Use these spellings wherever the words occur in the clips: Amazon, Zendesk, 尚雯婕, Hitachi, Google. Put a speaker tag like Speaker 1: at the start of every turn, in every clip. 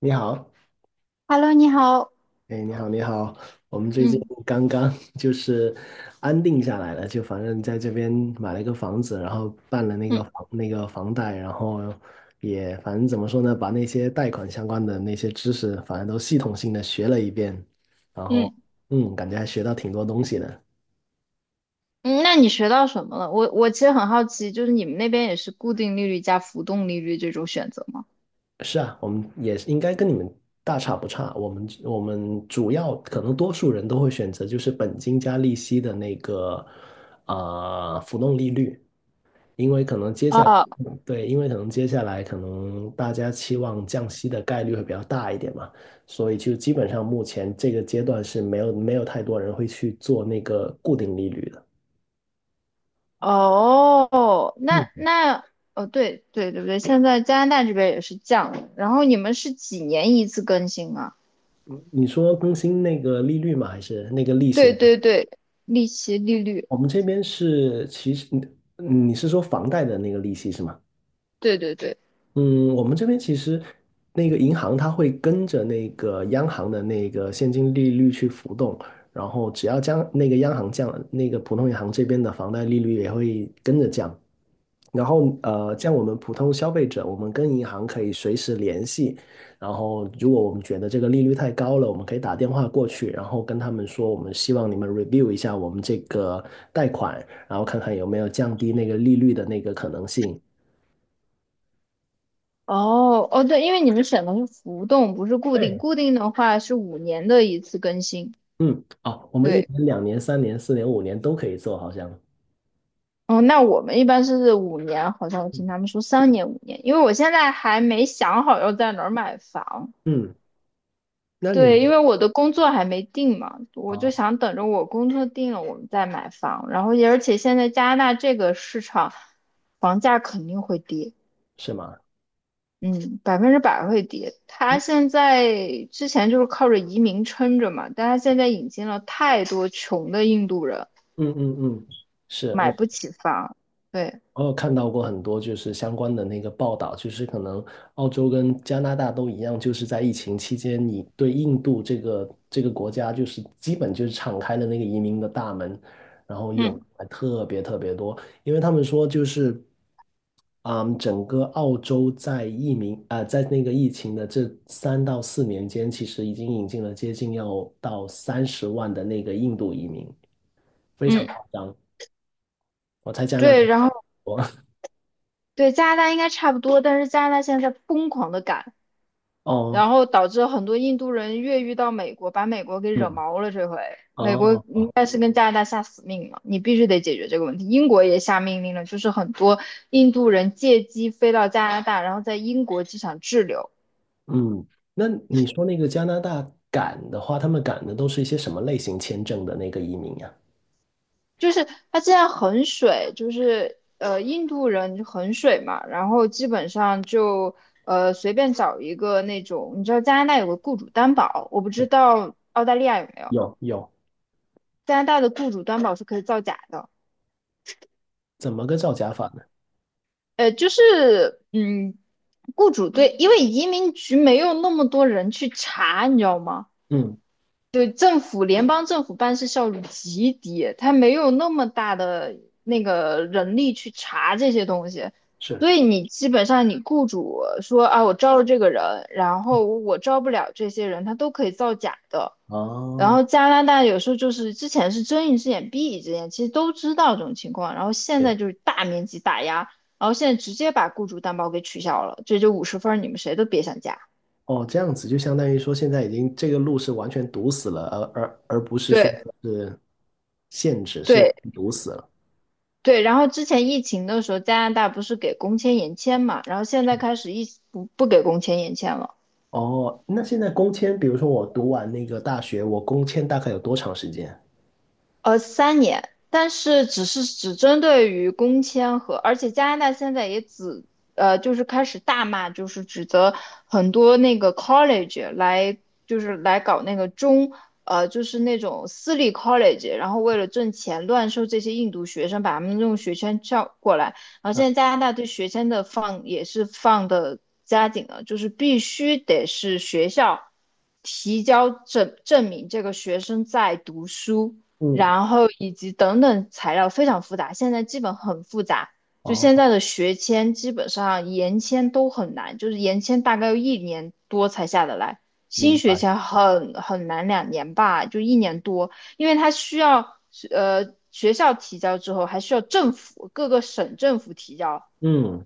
Speaker 1: 你好，
Speaker 2: Hello，你好。
Speaker 1: 哎，你好，你好，我们最近
Speaker 2: 嗯
Speaker 1: 刚刚 就是安定下来了，就反正在这边买了一个房子，然后办了那
Speaker 2: 嗯
Speaker 1: 个房贷，然后也反正怎么说呢，把那些贷款相关的那些知识，反正都系统性的学了一遍，然后
Speaker 2: 嗯，
Speaker 1: 嗯，感觉还学到挺多东西的。
Speaker 2: 嗯，那你学到什么了？我其实很好奇，就是你们那边也是固定利率加浮动利率这种选择吗？
Speaker 1: 是啊，我们也是应该跟你们大差不差，我们主要可能多数人都会选择就是本金加利息的那个浮动利率。因为可能接下来，
Speaker 2: 哦
Speaker 1: 对，因为可能接下来可能大家期望降息的概率会比较大一点嘛，所以就基本上目前这个阶段是没有太多人会去做那个固定利率的。
Speaker 2: 哦，那
Speaker 1: 嗯，
Speaker 2: 那哦，对对对不对？现在加拿大这边也是降了然后你们是几年一次更新啊？
Speaker 1: 你说更新那个利率吗？还是那个利息
Speaker 2: 对
Speaker 1: 吗？
Speaker 2: 对对，利息利率，
Speaker 1: 我们这边是其实你是说房贷的那个利息是吗？
Speaker 2: 对对对，
Speaker 1: 嗯，我们这边其实那个银行它会跟着那个央行的那个现金利率去浮动，然后只要将那个央行降了，那个普通银行这边的房贷利率也会跟着降。然后像我们普通消费者，我们跟银行可以随时联系。然后如果我们觉得这个利率太高了，我们可以打电话过去，然后跟他们说，我们希望你们 review 一下我们这个贷款，然后看看有没有降低那个利率的那个可能性。
Speaker 2: 哦哦，对，因为你们选的是浮动，不是固定，
Speaker 1: 对，
Speaker 2: 固定的话是五年的一次更新。
Speaker 1: 嗯，哦，我们一
Speaker 2: 对。
Speaker 1: 年、两年、三年、四年、五年都可以做，好像。
Speaker 2: 哦，那我们一般是五年，好像我听他们说三年、五年，因为我现在还没想好要在哪儿买房。
Speaker 1: 嗯，那你们
Speaker 2: 对，因为我的工作还没定嘛，我就
Speaker 1: 哦，
Speaker 2: 想等着我工作定了，我们再买房。然后也而且现在加拿大这个市场，房价肯定会跌，
Speaker 1: 是吗？
Speaker 2: 嗯，100%会跌。它现在之前就是靠着移民撑着嘛，但它现在引进了太多穷的印度人，
Speaker 1: 嗯嗯嗯，是
Speaker 2: 买
Speaker 1: 我。
Speaker 2: 不起房。对，
Speaker 1: 我有看到过很多就是相关的那个报道，就是可能澳洲跟加拿大都一样，就是在疫情期间，你对印度这个国家就是基本就是敞开了那个移民的大门，然后
Speaker 2: 嗯
Speaker 1: 有还特别特别多，因为他们说就是，嗯，整个澳洲在疫民啊、在那个疫情的这3到4年间，其实已经引进了接近要到30万的那个印度移民，非常
Speaker 2: 嗯，
Speaker 1: 夸张，我猜加拿大。
Speaker 2: 对，然后。对，加拿大应该差不多，但是加拿大现在在疯狂的赶，然
Speaker 1: 哦，
Speaker 2: 后导致很多印度人越狱到美国，把美国给惹
Speaker 1: 嗯，
Speaker 2: 毛了。这回美国
Speaker 1: 哦，
Speaker 2: 应该是跟加拿大下死命了，你必须得解决这个问题。英国也下命令了，就是很多印度人借机飞到加拿大，然后在英国机场滞留。
Speaker 1: 嗯，那你说那个加拿大赶的话，他们赶的都是一些什么类型签证的那个移民呀？
Speaker 2: 就是他现在很水，就是印度人很水嘛，然后基本上就随便找一个那种，你知道加拿大有个雇主担保，我不知道澳大利亚有没有。
Speaker 1: 有有，
Speaker 2: 加拿大的雇主担保是可以造假的。
Speaker 1: 怎么个造假法呢？
Speaker 2: 就是雇主对，因为移民局没有那么多人去查，你知道吗？
Speaker 1: 嗯，
Speaker 2: 对，联邦政府办事效率极低，他没有那么大的那个人力去查这些东西，
Speaker 1: 是，
Speaker 2: 所以你基本上你雇主说啊，我招了这个人，然后我招不了这些人，他都可以造假的。然
Speaker 1: 哦，
Speaker 2: 后加拿大有时候就是之前是睁一只眼闭一只眼，其实都知道这种情况，然后现
Speaker 1: 对，
Speaker 2: 在就是大面积打压，然后现在直接把雇主担保给取消了，这就50分儿，你们谁都别想加。
Speaker 1: 哦，这样子就相当于说现在已经这个路是完全堵死了，而不是说
Speaker 2: 对
Speaker 1: 是限制，是完
Speaker 2: 对
Speaker 1: 全堵死了。
Speaker 2: 对，然后之前疫情的时候，加拿大不是给工签延签嘛，然后现在开始一不不给工签延签了。
Speaker 1: 哦，那现在工签，比如说我读完那个大学，我工签大概有多长时间？
Speaker 2: 三年，但是只针对于工签和，而且加拿大现在也只就是开始大骂，就是指责很多那个 college 来，就是来搞那个中，就是那种私立 college，然后为了挣钱乱收这些印度学生，把他们用学签叫过来，然后现在加拿大对学签的放也是放的加紧了，就是必须得是学校提交证明这个学生在读书。
Speaker 1: 嗯，
Speaker 2: 然后以及等等材料非常复杂，现在基本很复杂。就现
Speaker 1: 哦，
Speaker 2: 在的学签，基本上延签都很难，就是延签大概要一年多才下得来，新
Speaker 1: 明
Speaker 2: 学
Speaker 1: 白。
Speaker 2: 签很难，2年吧，就一年多，因为它需要学校提交之后，还需要各个省政府提交，
Speaker 1: 嗯。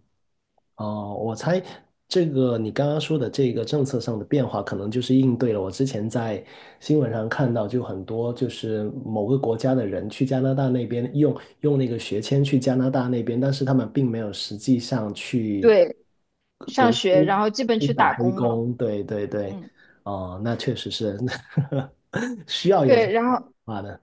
Speaker 1: 哦，我猜这个你刚刚说的这个政策上的变化，可能就是应对了我之前在新闻上看到，就很多就是某个国家的人去加拿大那边用那个学签去加拿大那边，但是他们并没有实际上去
Speaker 2: 对，上
Speaker 1: 读
Speaker 2: 学，
Speaker 1: 书，
Speaker 2: 然后基本
Speaker 1: 去
Speaker 2: 去
Speaker 1: 打
Speaker 2: 打
Speaker 1: 黑
Speaker 2: 工了，
Speaker 1: 工。对对对，
Speaker 2: 嗯，
Speaker 1: 哦，那确实是 需要有这种
Speaker 2: 对，然
Speaker 1: 变
Speaker 2: 后
Speaker 1: 化的。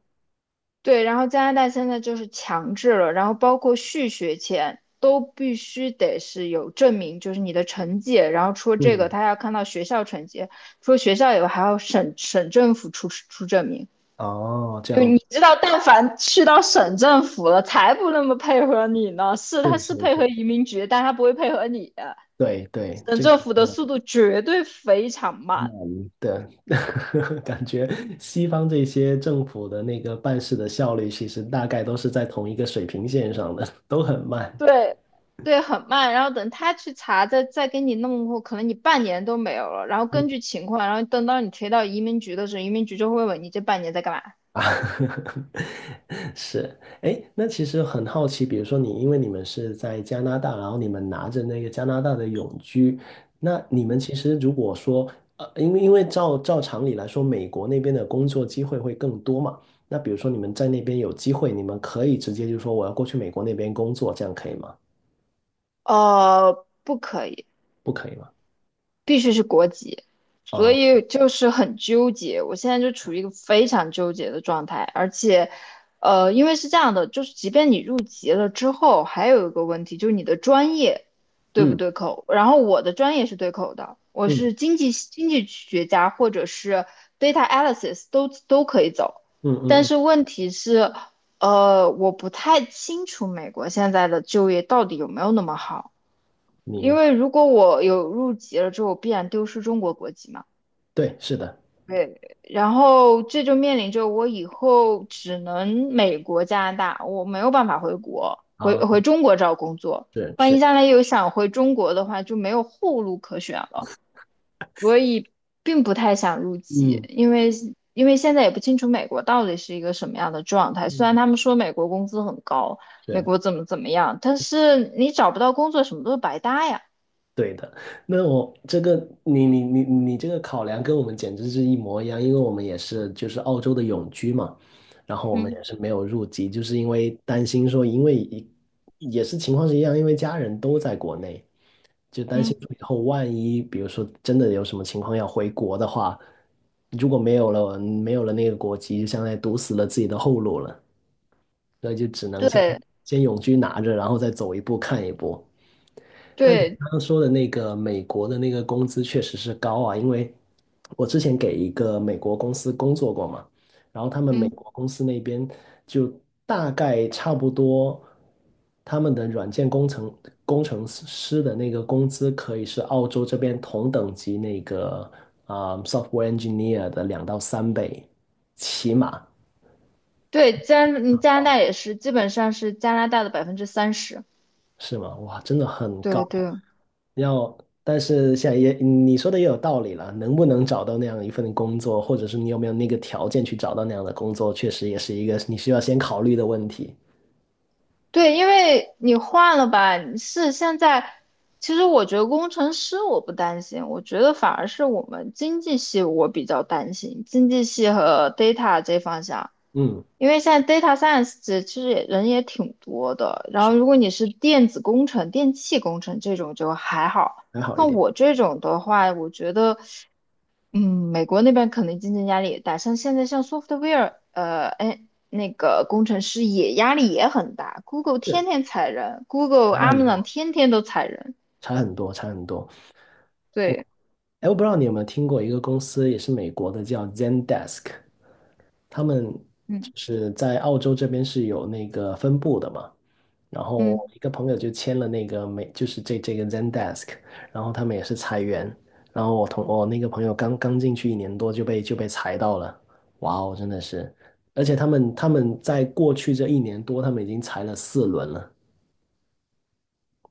Speaker 2: 对，然后加拿大现在就是强制了，然后包括续学签都必须得是有证明，就是你的成绩。然后除了这
Speaker 1: 嗯，
Speaker 2: 个，他还要看到学校成绩，除了学校以外，还要省政府出证明。
Speaker 1: 哦，这
Speaker 2: 就
Speaker 1: 样
Speaker 2: 你
Speaker 1: 子
Speaker 2: 知道，但凡去到省政府了，才不那么配合你呢。是，
Speaker 1: 是
Speaker 2: 他是
Speaker 1: 是
Speaker 2: 配
Speaker 1: 是，
Speaker 2: 合移民局，但他不会配合你啊。
Speaker 1: 对对，
Speaker 2: 省
Speaker 1: 这个。
Speaker 2: 政府的速度绝对非常
Speaker 1: 难
Speaker 2: 慢。
Speaker 1: 的，感觉西方这些政府的那个办事的效率，其实大概都是在同一个水平线上的，都很慢
Speaker 2: 对对，很慢。然后等他去查，再给你弄过，可能你半年都没有了。然后根据情况，然后等到你推到移民局的时候，移民局就会问你这半年在干嘛。
Speaker 1: 啊。是，哎，那其实很好奇，比如说你，因为你们是在加拿大，然后你们拿着那个加拿大的永居，那你们其实如果说，因为照常理来说，美国那边的工作机会会更多嘛，那比如说你们在那边有机会，你们可以直接就说我要过去美国那边工作，这样可以吗？
Speaker 2: 哦，不可以。
Speaker 1: 不可以吗？
Speaker 2: 必须是国籍，所
Speaker 1: 哦，
Speaker 2: 以就是很纠结。我现在就处于一个非常纠结的状态，而且，因为是这样的，就是即便你入籍了之后，还有一个问题就是你的专业对不
Speaker 1: 嗯
Speaker 2: 对口。然后我的专业是对口的，我
Speaker 1: 嗯
Speaker 2: 是经济学家或者是 data analysis 都可以走，
Speaker 1: 嗯嗯
Speaker 2: 但
Speaker 1: 嗯，
Speaker 2: 是问题是，我不太清楚美国现在的就业到底有没有那么好。
Speaker 1: 明
Speaker 2: 因
Speaker 1: 白。
Speaker 2: 为如果我有入籍了之后，我必然丢失中国国籍嘛。
Speaker 1: 对，是的。
Speaker 2: 对，然后这就面临着我以后只能美国、加拿大，我没有办法回国，
Speaker 1: 啊，
Speaker 2: 回中国找工作。
Speaker 1: 是
Speaker 2: 万
Speaker 1: 是，
Speaker 2: 一将来有想回中国的话，就没有后路可选了。所以并不太想入籍，
Speaker 1: 嗯
Speaker 2: 因为现在也不清楚美国到底是一个什么样的状态。虽然
Speaker 1: 嗯，
Speaker 2: 他们说美国工资很高，美
Speaker 1: 是。
Speaker 2: 国怎么怎么样，但是你找不到工作，什么都是白搭呀。
Speaker 1: 对的，那我这个你这个考量跟我们简直是一模一样，因为我们也是就是澳洲的永居嘛，然后我们也
Speaker 2: 嗯
Speaker 1: 是没有入籍，就是因为担心说，因为一也是情况是一样，因为家人都在国内，就担
Speaker 2: 嗯。
Speaker 1: 心说以后万一比如说真的有什么情况要回国的话，如果没有了那个国籍，就相当于堵死了自己的后路了，那就只能先
Speaker 2: 对
Speaker 1: 先永居拿着，然后再走一步看一步。但你
Speaker 2: 对，
Speaker 1: 刚刚说的那个美国的那个工资确实是高啊，因为我之前给一个美国公司工作过嘛，然后他们美
Speaker 2: 嗯，
Speaker 1: 国公司那边就大概差不多，他们的软件工程师的那个工资可以是澳洲这边同等级那个software engineer 的2到3倍，起码。
Speaker 2: 对，加拿大也是，基本上是加拿大的30%。
Speaker 1: 是吗？哇，真的很高。
Speaker 2: 对对
Speaker 1: 要，但是现在也嗯你说的也有道理了，能不能找到那样一份工作，或者是你有没有那个条件去找到那样的工作，确实也是一个你需要先考虑的问题。
Speaker 2: 对，因为你换了吧，你是现在，其实我觉得工程师我不担心，我觉得反而是我们经济系我比较担心，经济系和 data 这方向，
Speaker 1: 嗯，
Speaker 2: 因为现在 data science 这其实也人也挺多的，然
Speaker 1: 是
Speaker 2: 后如果你是电子工程、电气工程这种就还好。
Speaker 1: 还好一
Speaker 2: 那
Speaker 1: 点，
Speaker 2: 我这种的话，我觉得。嗯，美国那边可能竞争压力也大，像现在像 software，哎，那个工程师也压力也很大，Google 天
Speaker 1: 是
Speaker 2: 天裁人，Google、
Speaker 1: 差很
Speaker 2: Amazon
Speaker 1: 多，
Speaker 2: 天天都裁人，
Speaker 1: 差很多，差很多。我
Speaker 2: 对，
Speaker 1: 哎，我不知道你有没有听过一个公司，也是美国的，叫 Zendesk，他们就
Speaker 2: 嗯
Speaker 1: 是在澳洲这边是有那个分部的嘛。然后
Speaker 2: 嗯，
Speaker 1: 一个朋友就签了那个美，就是这个 Zendesk，然后他们也是裁员，然后我那个朋友刚刚进去一年多就被裁到了，哇哦，真的是，而且他们在过去这一年多，他们已经裁了4轮了，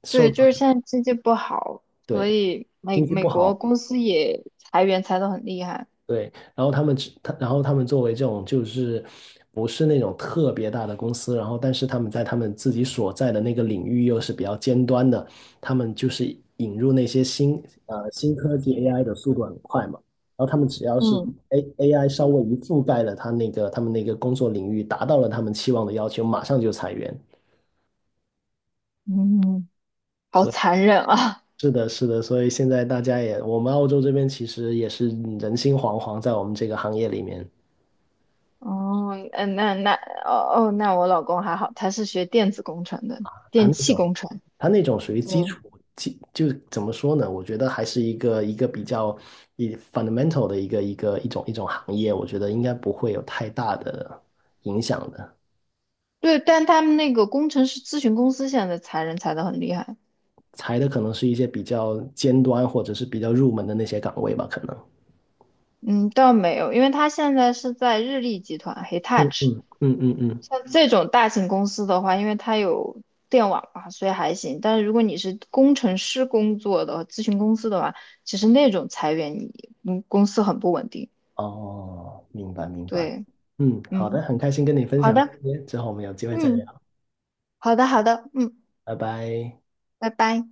Speaker 1: 受
Speaker 2: 对，就
Speaker 1: 到
Speaker 2: 是现在经济不好，所
Speaker 1: 对
Speaker 2: 以
Speaker 1: 经济
Speaker 2: 美
Speaker 1: 不
Speaker 2: 国
Speaker 1: 好。
Speaker 2: 公司也裁员裁得很厉害，
Speaker 1: 对，然后他们只，他，然后他们作为这种就是不是那种特别大的公司，然后但是他们在他们自己所在的那个领域又是比较尖端的，他们就是引入那些新科技 AI 的速度很快嘛，然后他们只要是
Speaker 2: 嗯
Speaker 1: AI 稍微一覆盖了他那个他们那个工作领域，达到了他们期望的要求，马上就裁员。
Speaker 2: 嗯，好
Speaker 1: 所以
Speaker 2: 残忍啊，
Speaker 1: 是的，是的，所以现在大家也，我们澳洲这边其实也是人心惶惶，在我们这个行业里面。
Speaker 2: 哦，嗯，那哦哦，那我老公还好，他是学电子工程的，
Speaker 1: 它
Speaker 2: 电
Speaker 1: 那
Speaker 2: 气
Speaker 1: 种，
Speaker 2: 工程，
Speaker 1: 它那种属于
Speaker 2: 对。
Speaker 1: 基础，就怎么说呢？我觉得还是一个比较fundamental 的一种行业，我觉得应该不会有太大的影响的。
Speaker 2: 对，但他们那个工程师咨询公司现在裁人裁得很厉害。
Speaker 1: 裁的可能是一些比较尖端或者是比较入门的那些岗位吧，可能。
Speaker 2: 嗯，倒没有，因为他现在是在日立集团
Speaker 1: 嗯
Speaker 2: Hitachi，
Speaker 1: 嗯嗯嗯嗯。
Speaker 2: 像这种大型公司的话，因为它有电网嘛，所以还行。但是如果你是工程师工作的咨询公司的话，其实那种裁员你，公司很不稳定。
Speaker 1: 哦，明白明白。
Speaker 2: 对，
Speaker 1: 嗯，好
Speaker 2: 嗯，
Speaker 1: 的，很开心跟你分
Speaker 2: 好
Speaker 1: 享
Speaker 2: 的，
Speaker 1: 这些，之后我们有机会再
Speaker 2: 嗯，
Speaker 1: 聊，
Speaker 2: 好的，好的，嗯，
Speaker 1: 拜拜。
Speaker 2: 拜拜。